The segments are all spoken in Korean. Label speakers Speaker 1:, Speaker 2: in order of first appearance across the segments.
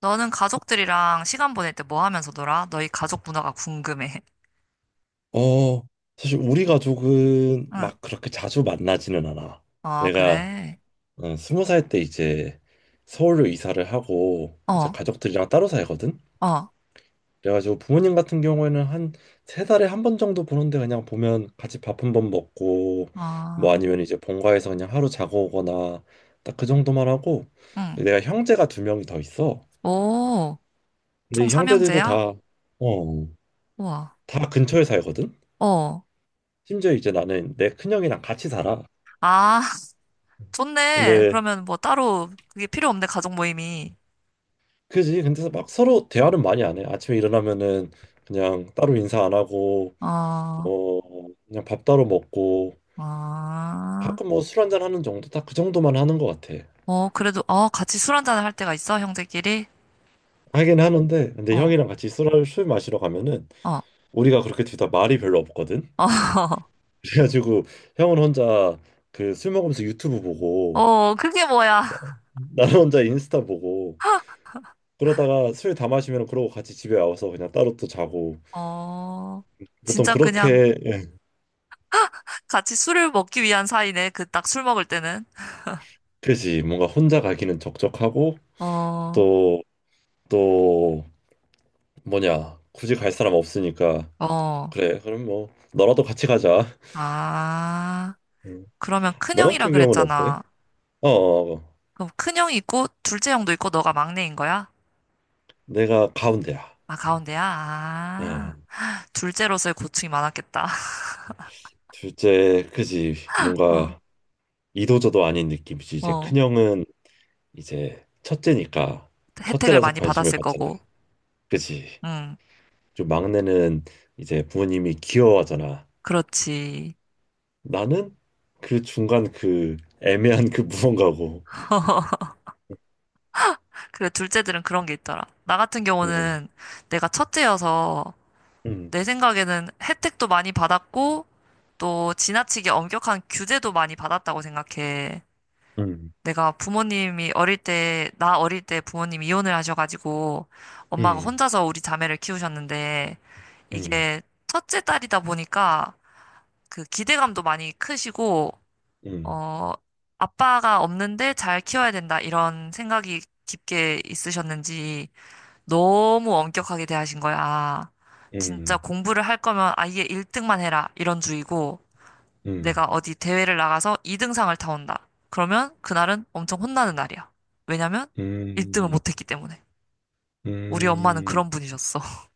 Speaker 1: 너는 가족들이랑 시간 보낼 때 뭐 하면서 놀아? 너희 가족 문화가 궁금해.
Speaker 2: 어, 사실 우리 가족은
Speaker 1: 응.
Speaker 2: 막 그렇게 자주 만나지는 않아.
Speaker 1: 어,
Speaker 2: 내가
Speaker 1: 그래.
Speaker 2: 스무 살 때 이제 서울로 이사를 하고 이제
Speaker 1: 어,
Speaker 2: 가족들이랑 따로 살거든.
Speaker 1: 어,
Speaker 2: 그래가지고 부모님 같은 경우에는 한 세 달에 한 번 정도 보는데 그냥 보면 같이 밥 한번 먹고 뭐
Speaker 1: 어,
Speaker 2: 아니면 이제 본가에서 그냥 하루 자고 오거나 딱 그 정도만 하고
Speaker 1: 응.
Speaker 2: 내가 형제가 두 명이 더 있어.
Speaker 1: 오,
Speaker 2: 근데
Speaker 1: 총
Speaker 2: 이
Speaker 1: 삼형제
Speaker 2: 형제들도
Speaker 1: 야
Speaker 2: 어,
Speaker 1: 우와.
Speaker 2: 다 근처에 살거든.
Speaker 1: 어.
Speaker 2: 심지어 이제 나는 내 큰형이랑 같이 살아.
Speaker 1: 아, 좋네.
Speaker 2: 근데
Speaker 1: 그러면 뭐 따로 그게 필요 없네, 가족 모임이.
Speaker 2: 그지? 근데 막 서로 대화는 많이 안 해. 아침에 일어나면은 그냥 따로 인사 안 하고
Speaker 1: 어,
Speaker 2: 어 그냥 밥 따로 먹고
Speaker 1: 아,
Speaker 2: 가끔 뭐 술 한잔 하는 정도 딱 그 정도만 하는 것 같아.
Speaker 1: 어, 그래도, 어, 같이 술 한잔을 할 때가 있어, 형제끼리?
Speaker 2: 하긴 하는데 근데
Speaker 1: 어,
Speaker 2: 형이랑 같이 술을 술 마시러 가면은
Speaker 1: 어,
Speaker 2: 우리가 그렇게 둘 다 말이 별로 없거든.
Speaker 1: 어,
Speaker 2: 그래가지고 형은 혼자 그 술 먹으면서 유튜브 보고
Speaker 1: 어, 그게 뭐야.
Speaker 2: 나는 혼자 인스타 보고 그러다가 술 다 마시면 그러고 같이 집에 와서 그냥 따로 또 자고
Speaker 1: 어,
Speaker 2: 보통
Speaker 1: 진짜 그냥
Speaker 2: 그렇게 예.
Speaker 1: 같이 술을 먹기 위한 사이네. 그 딱 술 먹을 때는.
Speaker 2: 그지, 뭔가 혼자 가기는 적적하고
Speaker 1: 어,
Speaker 2: 또 뭐냐 굳이 갈 사람 없으니까
Speaker 1: 어.
Speaker 2: 그래 그럼 뭐 너라도 같이 가자.
Speaker 1: 아,
Speaker 2: 음.
Speaker 1: 그러면
Speaker 2: 너
Speaker 1: 큰형이라
Speaker 2: 같은 경우는 어때?
Speaker 1: 그랬잖아.
Speaker 2: 어, 어, 어.
Speaker 1: 그럼 큰형이 있고 둘째 형도 있고 너가 막내인 거야?
Speaker 2: 내가 가운데야.
Speaker 1: 아, 가운데야? 아,
Speaker 2: 음.
Speaker 1: 둘째로서의 고충이 많았겠다.
Speaker 2: 둘째, 그지. 뭔가 이도저도 아닌 느낌이지.
Speaker 1: 어,
Speaker 2: 이제
Speaker 1: 어.
Speaker 2: 큰형은 이제 첫째니까,
Speaker 1: 혜택을
Speaker 2: 첫째라서
Speaker 1: 많이
Speaker 2: 관심을
Speaker 1: 받았을
Speaker 2: 받잖아.
Speaker 1: 거고.
Speaker 2: 그지.
Speaker 1: 응,
Speaker 2: 좀 막내는 이제 부모님이 귀여워하잖아.
Speaker 1: 그렇지.
Speaker 2: 나는 그 중간, 그 애매한 그 무언가고.
Speaker 1: 그래, 둘째들은 그런 게 있더라. 나 같은
Speaker 2: 음,
Speaker 1: 경우는 내가 첫째여서
Speaker 2: 음,
Speaker 1: 내 생각에는 혜택도 많이 받았고, 또 지나치게 엄격한 규제도 많이 받았다고 생각해.
Speaker 2: 음,
Speaker 1: 내가 부모님이 어릴 때, 나 어릴 때 부모님이 이혼을 하셔가지고, 엄마가
Speaker 2: 음,
Speaker 1: 혼자서 우리 자매를 키우셨는데,
Speaker 2: 음.
Speaker 1: 이게 첫째 딸이다 보니까 그 기대감도 많이 크시고,
Speaker 2: 음.
Speaker 1: 어, 아빠가 없는데 잘 키워야 된다, 이런 생각이 깊게 있으셨는지, 너무 엄격하게 대하신 거야. 아, 진짜
Speaker 2: 음,
Speaker 1: 공부를 할 거면 아예 1등만 해라. 이런 주의고,
Speaker 2: 음,
Speaker 1: 내가 어디 대회를 나가서 2등상을 타온다. 그러면 그날은 엄청 혼나는 날이야. 왜냐면 1등을
Speaker 2: 음,
Speaker 1: 못했기 때문에. 우리 엄마는
Speaker 2: 음,
Speaker 1: 그런 분이셨어.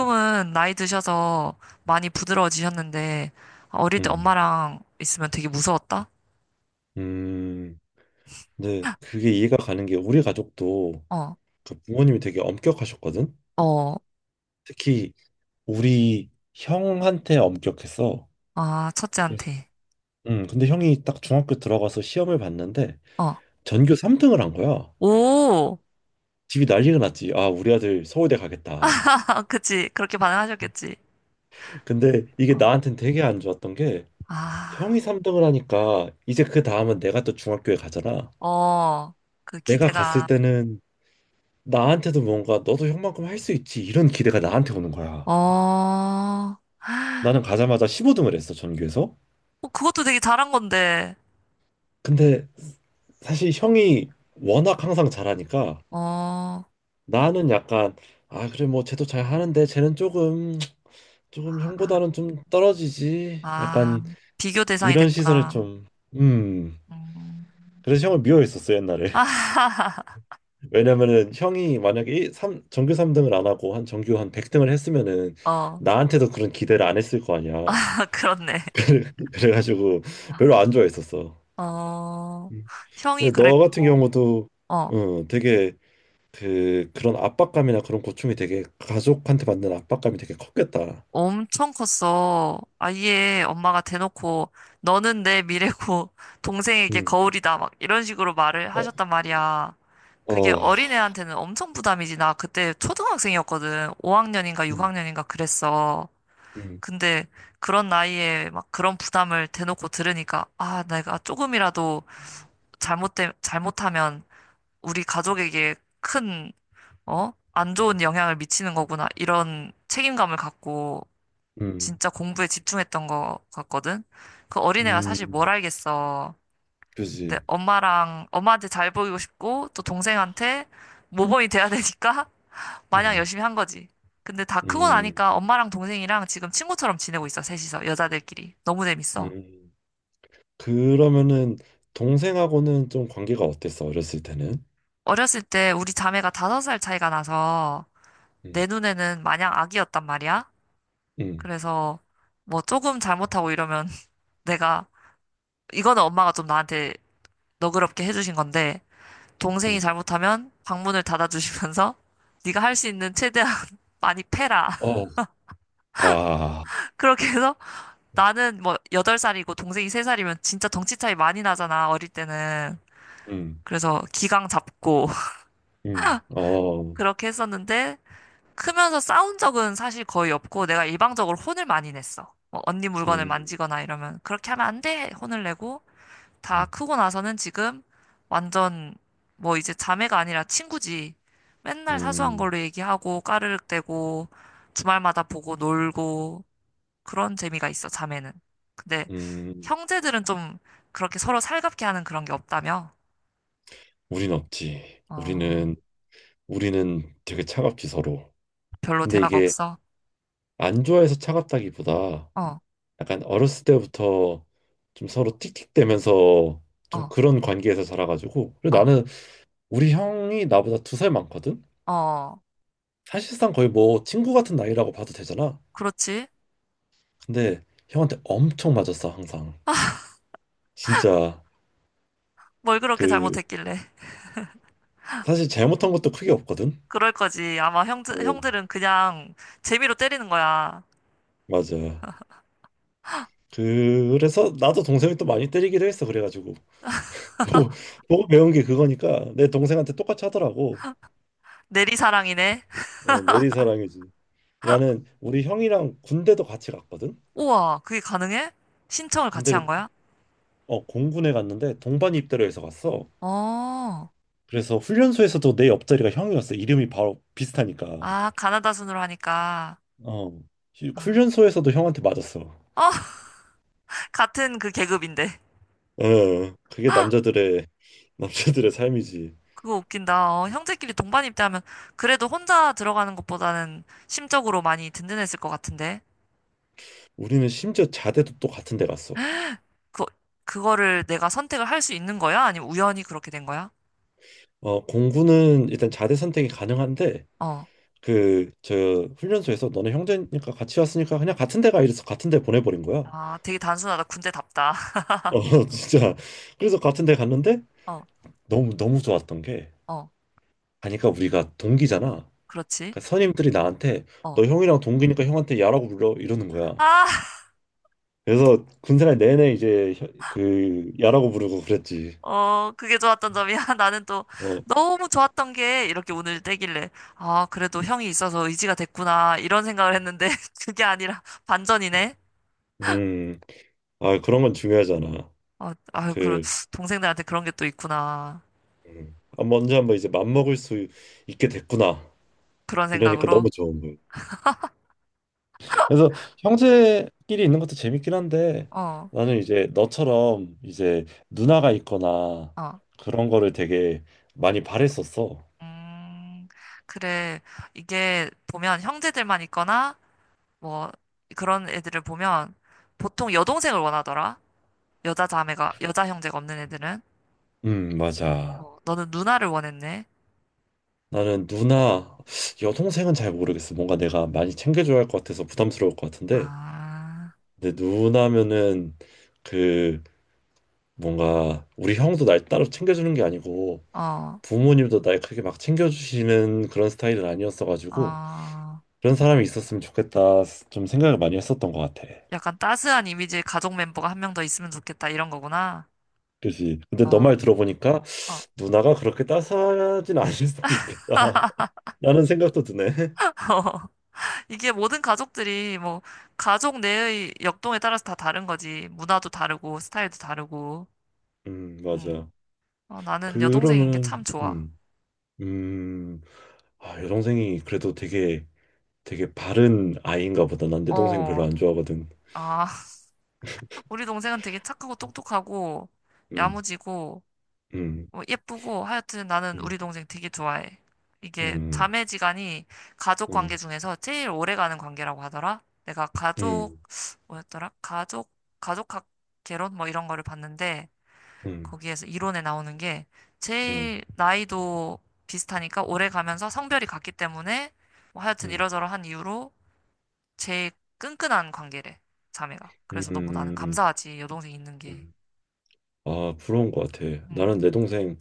Speaker 2: 어,
Speaker 1: 나이 드셔서 많이 부드러워지셨는데, 어릴 때
Speaker 2: 음,
Speaker 1: 엄마랑 있으면 되게 무서웠다?
Speaker 2: 음. 근데 그게 이해가 가는 게 우리 가족도
Speaker 1: 어,
Speaker 2: 그 부모님이 되게 엄격하셨거든.
Speaker 1: 어,
Speaker 2: 특히 우리 형한테 엄격했어.
Speaker 1: 아,
Speaker 2: 그래서,
Speaker 1: 첫째한테.
Speaker 2: 근데 형이 딱 중학교 들어가서 시험을 봤는데
Speaker 1: 어,
Speaker 2: 전교 3등을 한 거야.
Speaker 1: 오!
Speaker 2: 집이 난리가 났지. 아, 우리 아들 서울대 가겠다.
Speaker 1: 그치. 그렇게 반응하셨겠지.
Speaker 2: 근데 이게
Speaker 1: 어,
Speaker 2: 나한텐 되게 안 좋았던 게
Speaker 1: 아.
Speaker 2: 형이 3등을 하니까 이제 그 다음은 내가 또 중학교에 가잖아.
Speaker 1: 어, 그
Speaker 2: 내가 갔을
Speaker 1: 기대감.
Speaker 2: 때는 나한테도 뭔가 너도 형만큼 할 수 있지 이런 기대가 나한테 오는 거야.
Speaker 1: 어, 어,
Speaker 2: 나는 가자마자 15등을 했어 전교에서.
Speaker 1: 그것도 되게 잘한 건데.
Speaker 2: 근데 사실 형이 워낙 항상 잘하니까
Speaker 1: 어, 아,
Speaker 2: 나는 약간, 아 그래 뭐 쟤도 잘 하는데 쟤는 조금
Speaker 1: 아,
Speaker 2: 형보다는 좀 떨어지지,
Speaker 1: 아,
Speaker 2: 약간
Speaker 1: 비교 대상이
Speaker 2: 이런 시선을
Speaker 1: 됐구나.
Speaker 2: 좀. 음.
Speaker 1: 음.
Speaker 2: 그래서 형을 미워했었어 옛날에.
Speaker 1: 아,
Speaker 2: 왜냐면은 형이 만약에 일- 삼 전교 3등을 안 하고 한 전교 한 100등을 했으면은
Speaker 1: 어,
Speaker 2: 나한테도 그런 기대를 안 했을 거 아니야.
Speaker 1: 그렇네.
Speaker 2: 그래가지고 별로 안 좋아했었어.
Speaker 1: 어,
Speaker 2: 음.
Speaker 1: 형이
Speaker 2: 근데 너 같은
Speaker 1: 그랬고,
Speaker 2: 경우도
Speaker 1: 어,
Speaker 2: 어, 되게 그 그런 압박감이나 그런 고충이, 되게 가족한테 받는 압박감이 되게 컸겠다.
Speaker 1: 엄청 컸어. 아예 엄마가 대놓고, 너는 내 미래고, 동생에게
Speaker 2: 음.
Speaker 1: 거울이다. 막 이런 식으로 말을
Speaker 2: 어,
Speaker 1: 하셨단 말이야. 그게
Speaker 2: 어.
Speaker 1: 어린애한테는 엄청 부담이지. 나 그때 초등학생이었거든. 5학년인가
Speaker 2: 음,
Speaker 1: 6학년인가 그랬어.
Speaker 2: 음,
Speaker 1: 근데 그런 나이에 막 그런 부담을 대놓고 들으니까, 아, 내가 조금이라도 잘못되, 잘못하면 우리 가족에게 큰, 어? 안 좋은 영향을 미치는 거구나. 이런 책임감을 갖고
Speaker 2: 음,
Speaker 1: 진짜 공부에 집중했던 것 같거든. 그 어린애가 사실 뭘
Speaker 2: 음,
Speaker 1: 알겠어. 근데
Speaker 2: 그지.
Speaker 1: 엄마랑, 엄마한테 잘 보이고 싶고, 또 동생한테 모범이 돼야 되니까 마냥
Speaker 2: 음,
Speaker 1: 열심히 한 거지. 근데 다 크고
Speaker 2: 음,
Speaker 1: 나니까 엄마랑 동생이랑 지금 친구처럼 지내고 있어, 셋이서. 여자들끼리. 너무 재밌어.
Speaker 2: 음. 그러면은 동생하고는 좀 관계가 어땠어? 어렸을 때는?
Speaker 1: 어렸을 때 우리 자매가 다섯 살 차이가 나서
Speaker 2: 음,
Speaker 1: 내 눈에는 마냥 아기였단 말이야.
Speaker 2: 음,
Speaker 1: 그래서 뭐 조금 잘못하고 이러면 내가, 이거는 엄마가 좀 나한테 너그럽게 해주신 건데, 동생이
Speaker 2: 음.
Speaker 1: 잘못하면 방문을 닫아주시면서 네가 할 수 있는 최대한 많이 패라.
Speaker 2: 어, 와.
Speaker 1: 그렇게 해서 나는 뭐 여덟 살이고 동생이 세 살이면 진짜 덩치 차이 많이 나잖아, 어릴 때는.
Speaker 2: 음,
Speaker 1: 그래서 기강 잡고
Speaker 2: 어,
Speaker 1: 그렇게 했었는데 크면서 싸운 적은 사실 거의 없고 내가 일방적으로 혼을 많이 냈어. 뭐 언니 물건을
Speaker 2: 음,
Speaker 1: 만지거나 이러면 그렇게 하면 안 돼! 혼을 내고 다
Speaker 2: 음.
Speaker 1: 크고 나서는 지금 완전 뭐 이제 자매가 아니라 친구지. 맨날 사소한
Speaker 2: 음.
Speaker 1: 걸로 얘기하고 까르륵대고 주말마다 보고 놀고 그런 재미가 있어, 자매는. 근데
Speaker 2: 음,
Speaker 1: 형제들은 좀 그렇게 서로 살갑게 하는 그런 게 없다며?
Speaker 2: 우린 없지.
Speaker 1: 어,
Speaker 2: 우리는 되게 차갑지 서로.
Speaker 1: 별로
Speaker 2: 근데
Speaker 1: 대화가
Speaker 2: 이게
Speaker 1: 없어?
Speaker 2: 안 좋아해서 차갑다기보다
Speaker 1: 어.
Speaker 2: 약간 어렸을 때부터 좀 서로 틱틱대면서 좀
Speaker 1: 어.
Speaker 2: 그런 관계에서 자라가지고. 그리고
Speaker 1: 어,
Speaker 2: 나는 우리 형이 나보다 두 살 많거든.
Speaker 1: 어,
Speaker 2: 사실상 거의 뭐 친구 같은 나이라고 봐도 되잖아.
Speaker 1: 그렇지.
Speaker 2: 근데 형한테 엄청 맞았어 항상. 진짜.
Speaker 1: 뭘 그렇게
Speaker 2: 그
Speaker 1: 잘못했길래.
Speaker 2: 사실 잘못한 것도 크게 없거든.
Speaker 1: 그럴 거지. 아마 형들,
Speaker 2: 어,
Speaker 1: 형들은 그냥 재미로 때리는 거야.
Speaker 2: 맞아. 그래서 나도 동생이 또 많이 때리기도 했어 그래가지고. 보고, 보고 배운 게 그거니까 내 동생한테 똑같이 하더라고.
Speaker 1: 내리사랑이네.
Speaker 2: 어, 내리사랑이지. 나는 우리 형이랑 군대도 같이 갔거든.
Speaker 1: 우와, 그게 가능해? 신청을 같이 한
Speaker 2: 군대를
Speaker 1: 거야?
Speaker 2: 공군에 갔는데 동반 입대로해서 갔어.
Speaker 1: 어,
Speaker 2: 그래서 훈련소에서도 내 옆자리가 형이었어. 이름이 바로 비슷하니까.
Speaker 1: 아, 가나다 순으로 하니까.
Speaker 2: 어,
Speaker 1: 아,
Speaker 2: 훈련소에서도 형한테 맞았어.
Speaker 1: 어, 같은 그 계급인데.
Speaker 2: 어, 그게 남자들의 남자들의 삶이지.
Speaker 1: 그거 웃긴다. 어, 형제끼리 동반 입대하면 그래도 혼자 들어가는 것보다는 심적으로 많이 든든했을 것 같은데.
Speaker 2: 우리는 심지어 자대도 또 같은 데 갔어.
Speaker 1: 그, 그거를 내가 선택을 할 수 있는 거야? 아니면 우연히 그렇게 된 거야?
Speaker 2: 어, 공군은 일단 자대 선택이 가능한데
Speaker 1: 어,
Speaker 2: 그 저 훈련소에서 너네 형제니까 같이 왔으니까 그냥 같은 데가, 이래서 같은 데 보내버린 거야.
Speaker 1: 아, 되게 단순하다. 군대답다.
Speaker 2: 어 진짜. 그래서 같은 데 갔는데
Speaker 1: 어,
Speaker 2: 너무 너무 좋았던 게,
Speaker 1: 어,
Speaker 2: 가니까 우리가 동기잖아.
Speaker 1: 그렇지.
Speaker 2: 그러니까 선임들이 나한테
Speaker 1: 어.
Speaker 2: 너 형이랑 동기니까 형한테 야라고 불러 이러는 거야.
Speaker 1: 아,
Speaker 2: 그래서 군생활 내내 이제 그 야라고 부르고 그랬지.
Speaker 1: 어, 그게 좋았던 점이야. 나는 또
Speaker 2: 어,
Speaker 1: 너무 좋았던 게 이렇게 운을 떼길래, 아, 그래도 형이 있어서 의지가 됐구나. 이런 생각을 했는데, 그게 아니라 반전이네.
Speaker 2: 음, 아, 그런 건 중요하잖아.
Speaker 1: 어, 아유, 그,
Speaker 2: 그,
Speaker 1: 동생들한테 그런 게 또 있구나.
Speaker 2: 아, 먼저 한번 이제 맘먹을 수 있게 됐구나.
Speaker 1: 그런
Speaker 2: 이러니까
Speaker 1: 생각으로.
Speaker 2: 너무 좋은 거야. 그래서 형제끼리 있는 것도 재밌긴 한데
Speaker 1: 어,
Speaker 2: 나는 이제 너처럼 이제 누나가 있거나
Speaker 1: 어.
Speaker 2: 그런 거를 되게 많이 바랬었어.
Speaker 1: 음, 그래. 이게 보면 형제들만 있거나, 뭐, 그런 애들을 보면 보통 여동생을 원하더라. 여자 자매가, 여자 형제가 없는 애들은?
Speaker 2: 맞아.
Speaker 1: 어, 너는 누나를 원했네.
Speaker 2: 나는 누나, 여동생은 잘 모르겠어. 뭔가 내가 많이 챙겨줘야 할 것 같아서 부담스러울 것 같은데.
Speaker 1: 아,
Speaker 2: 근데 누나면은 그, 뭔가 우리 형도 날 따로 챙겨주는 게 아니고
Speaker 1: 어,
Speaker 2: 부모님도 날 크게 막 챙겨주시는 그런 스타일은 아니었어가지고
Speaker 1: 어.
Speaker 2: 그런 사람이 있었으면 좋겠다, 좀 생각을 많이 했었던 것 같아.
Speaker 1: 약간 따스한 이미지의 가족 멤버가 한 명 더 있으면 좋겠다, 이런 거구나.
Speaker 2: 그지. 근데 너
Speaker 1: 어,
Speaker 2: 말 들어보니까
Speaker 1: 어.
Speaker 2: 누나가 그렇게 따스하진 않을 수도 있겠다 라는 생각도 드네.
Speaker 1: 이게 모든 가족들이 뭐, 가족 내의 역동에 따라서 다 다른 거지. 문화도 다르고, 스타일도 다르고. 음.
Speaker 2: 맞아.
Speaker 1: 어, 나는 여동생인 게 참
Speaker 2: 그러면은,
Speaker 1: 좋아.
Speaker 2: 음, 아, 여동생이 그래도 되게, 되게 바른 아이인가 보다. 난 내 동생 별로
Speaker 1: 어,
Speaker 2: 안 좋아하거든.
Speaker 1: 아, 우리 동생은 되게 착하고 똑똑하고,
Speaker 2: 음,
Speaker 1: 야무지고,
Speaker 2: 음,
Speaker 1: 어, 예쁘고 하여튼 나는
Speaker 2: 음,
Speaker 1: 우리 동생 되게 좋아해. 이게
Speaker 2: 음,
Speaker 1: 자매지간이 가족 관계
Speaker 2: 음,
Speaker 1: 중에서 제일 오래가는 관계라고 하더라. 내가 가족
Speaker 2: 음,
Speaker 1: 뭐였더라? 가족 가족학 개론 뭐 이런 거를 봤는데
Speaker 2: 음,
Speaker 1: 거기에서 이론에 나오는 게
Speaker 2: 음, 음,
Speaker 1: 제일 나이도 비슷하니까 오래 가면서 성별이 같기 때문에 뭐 하여튼
Speaker 2: 음,
Speaker 1: 이러저러한 이유로 제일 끈끈한 관계래. 자매가.
Speaker 2: 음.
Speaker 1: 그래서 너무 나는
Speaker 2: 음,
Speaker 1: 감사하지. 여동생 있는 게.
Speaker 2: 음. 아, 부러운 것 같아.
Speaker 1: 음.
Speaker 2: 나는 내 동생,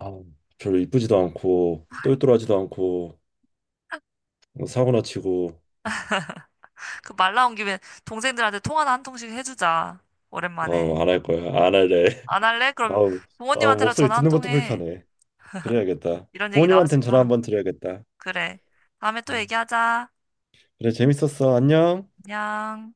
Speaker 2: 아, 별로 이쁘지도 않고, 똘똘하지도 않고, 사고나 치고,
Speaker 1: 그 말 나온 김에 동생들한테 통화나 한 통씩 해주자. 오랜만에.
Speaker 2: 어, 안 할 거야. 안 할래.
Speaker 1: 안 할래? 그럼
Speaker 2: 아우, 아,
Speaker 1: 부모님한테라도
Speaker 2: 목소리
Speaker 1: 전화 한
Speaker 2: 듣는
Speaker 1: 통
Speaker 2: 것도
Speaker 1: 해.
Speaker 2: 불편해. 그래야겠다.
Speaker 1: 이런 얘기 나왔을
Speaker 2: 부모님한텐
Speaker 1: 때
Speaker 2: 전화
Speaker 1: 하는
Speaker 2: 한번
Speaker 1: 거지.
Speaker 2: 드려야겠다.
Speaker 1: 그래. 다음에 또
Speaker 2: 음.
Speaker 1: 얘기하자.
Speaker 2: 그래, 재밌었어. 안녕.
Speaker 1: 안녕.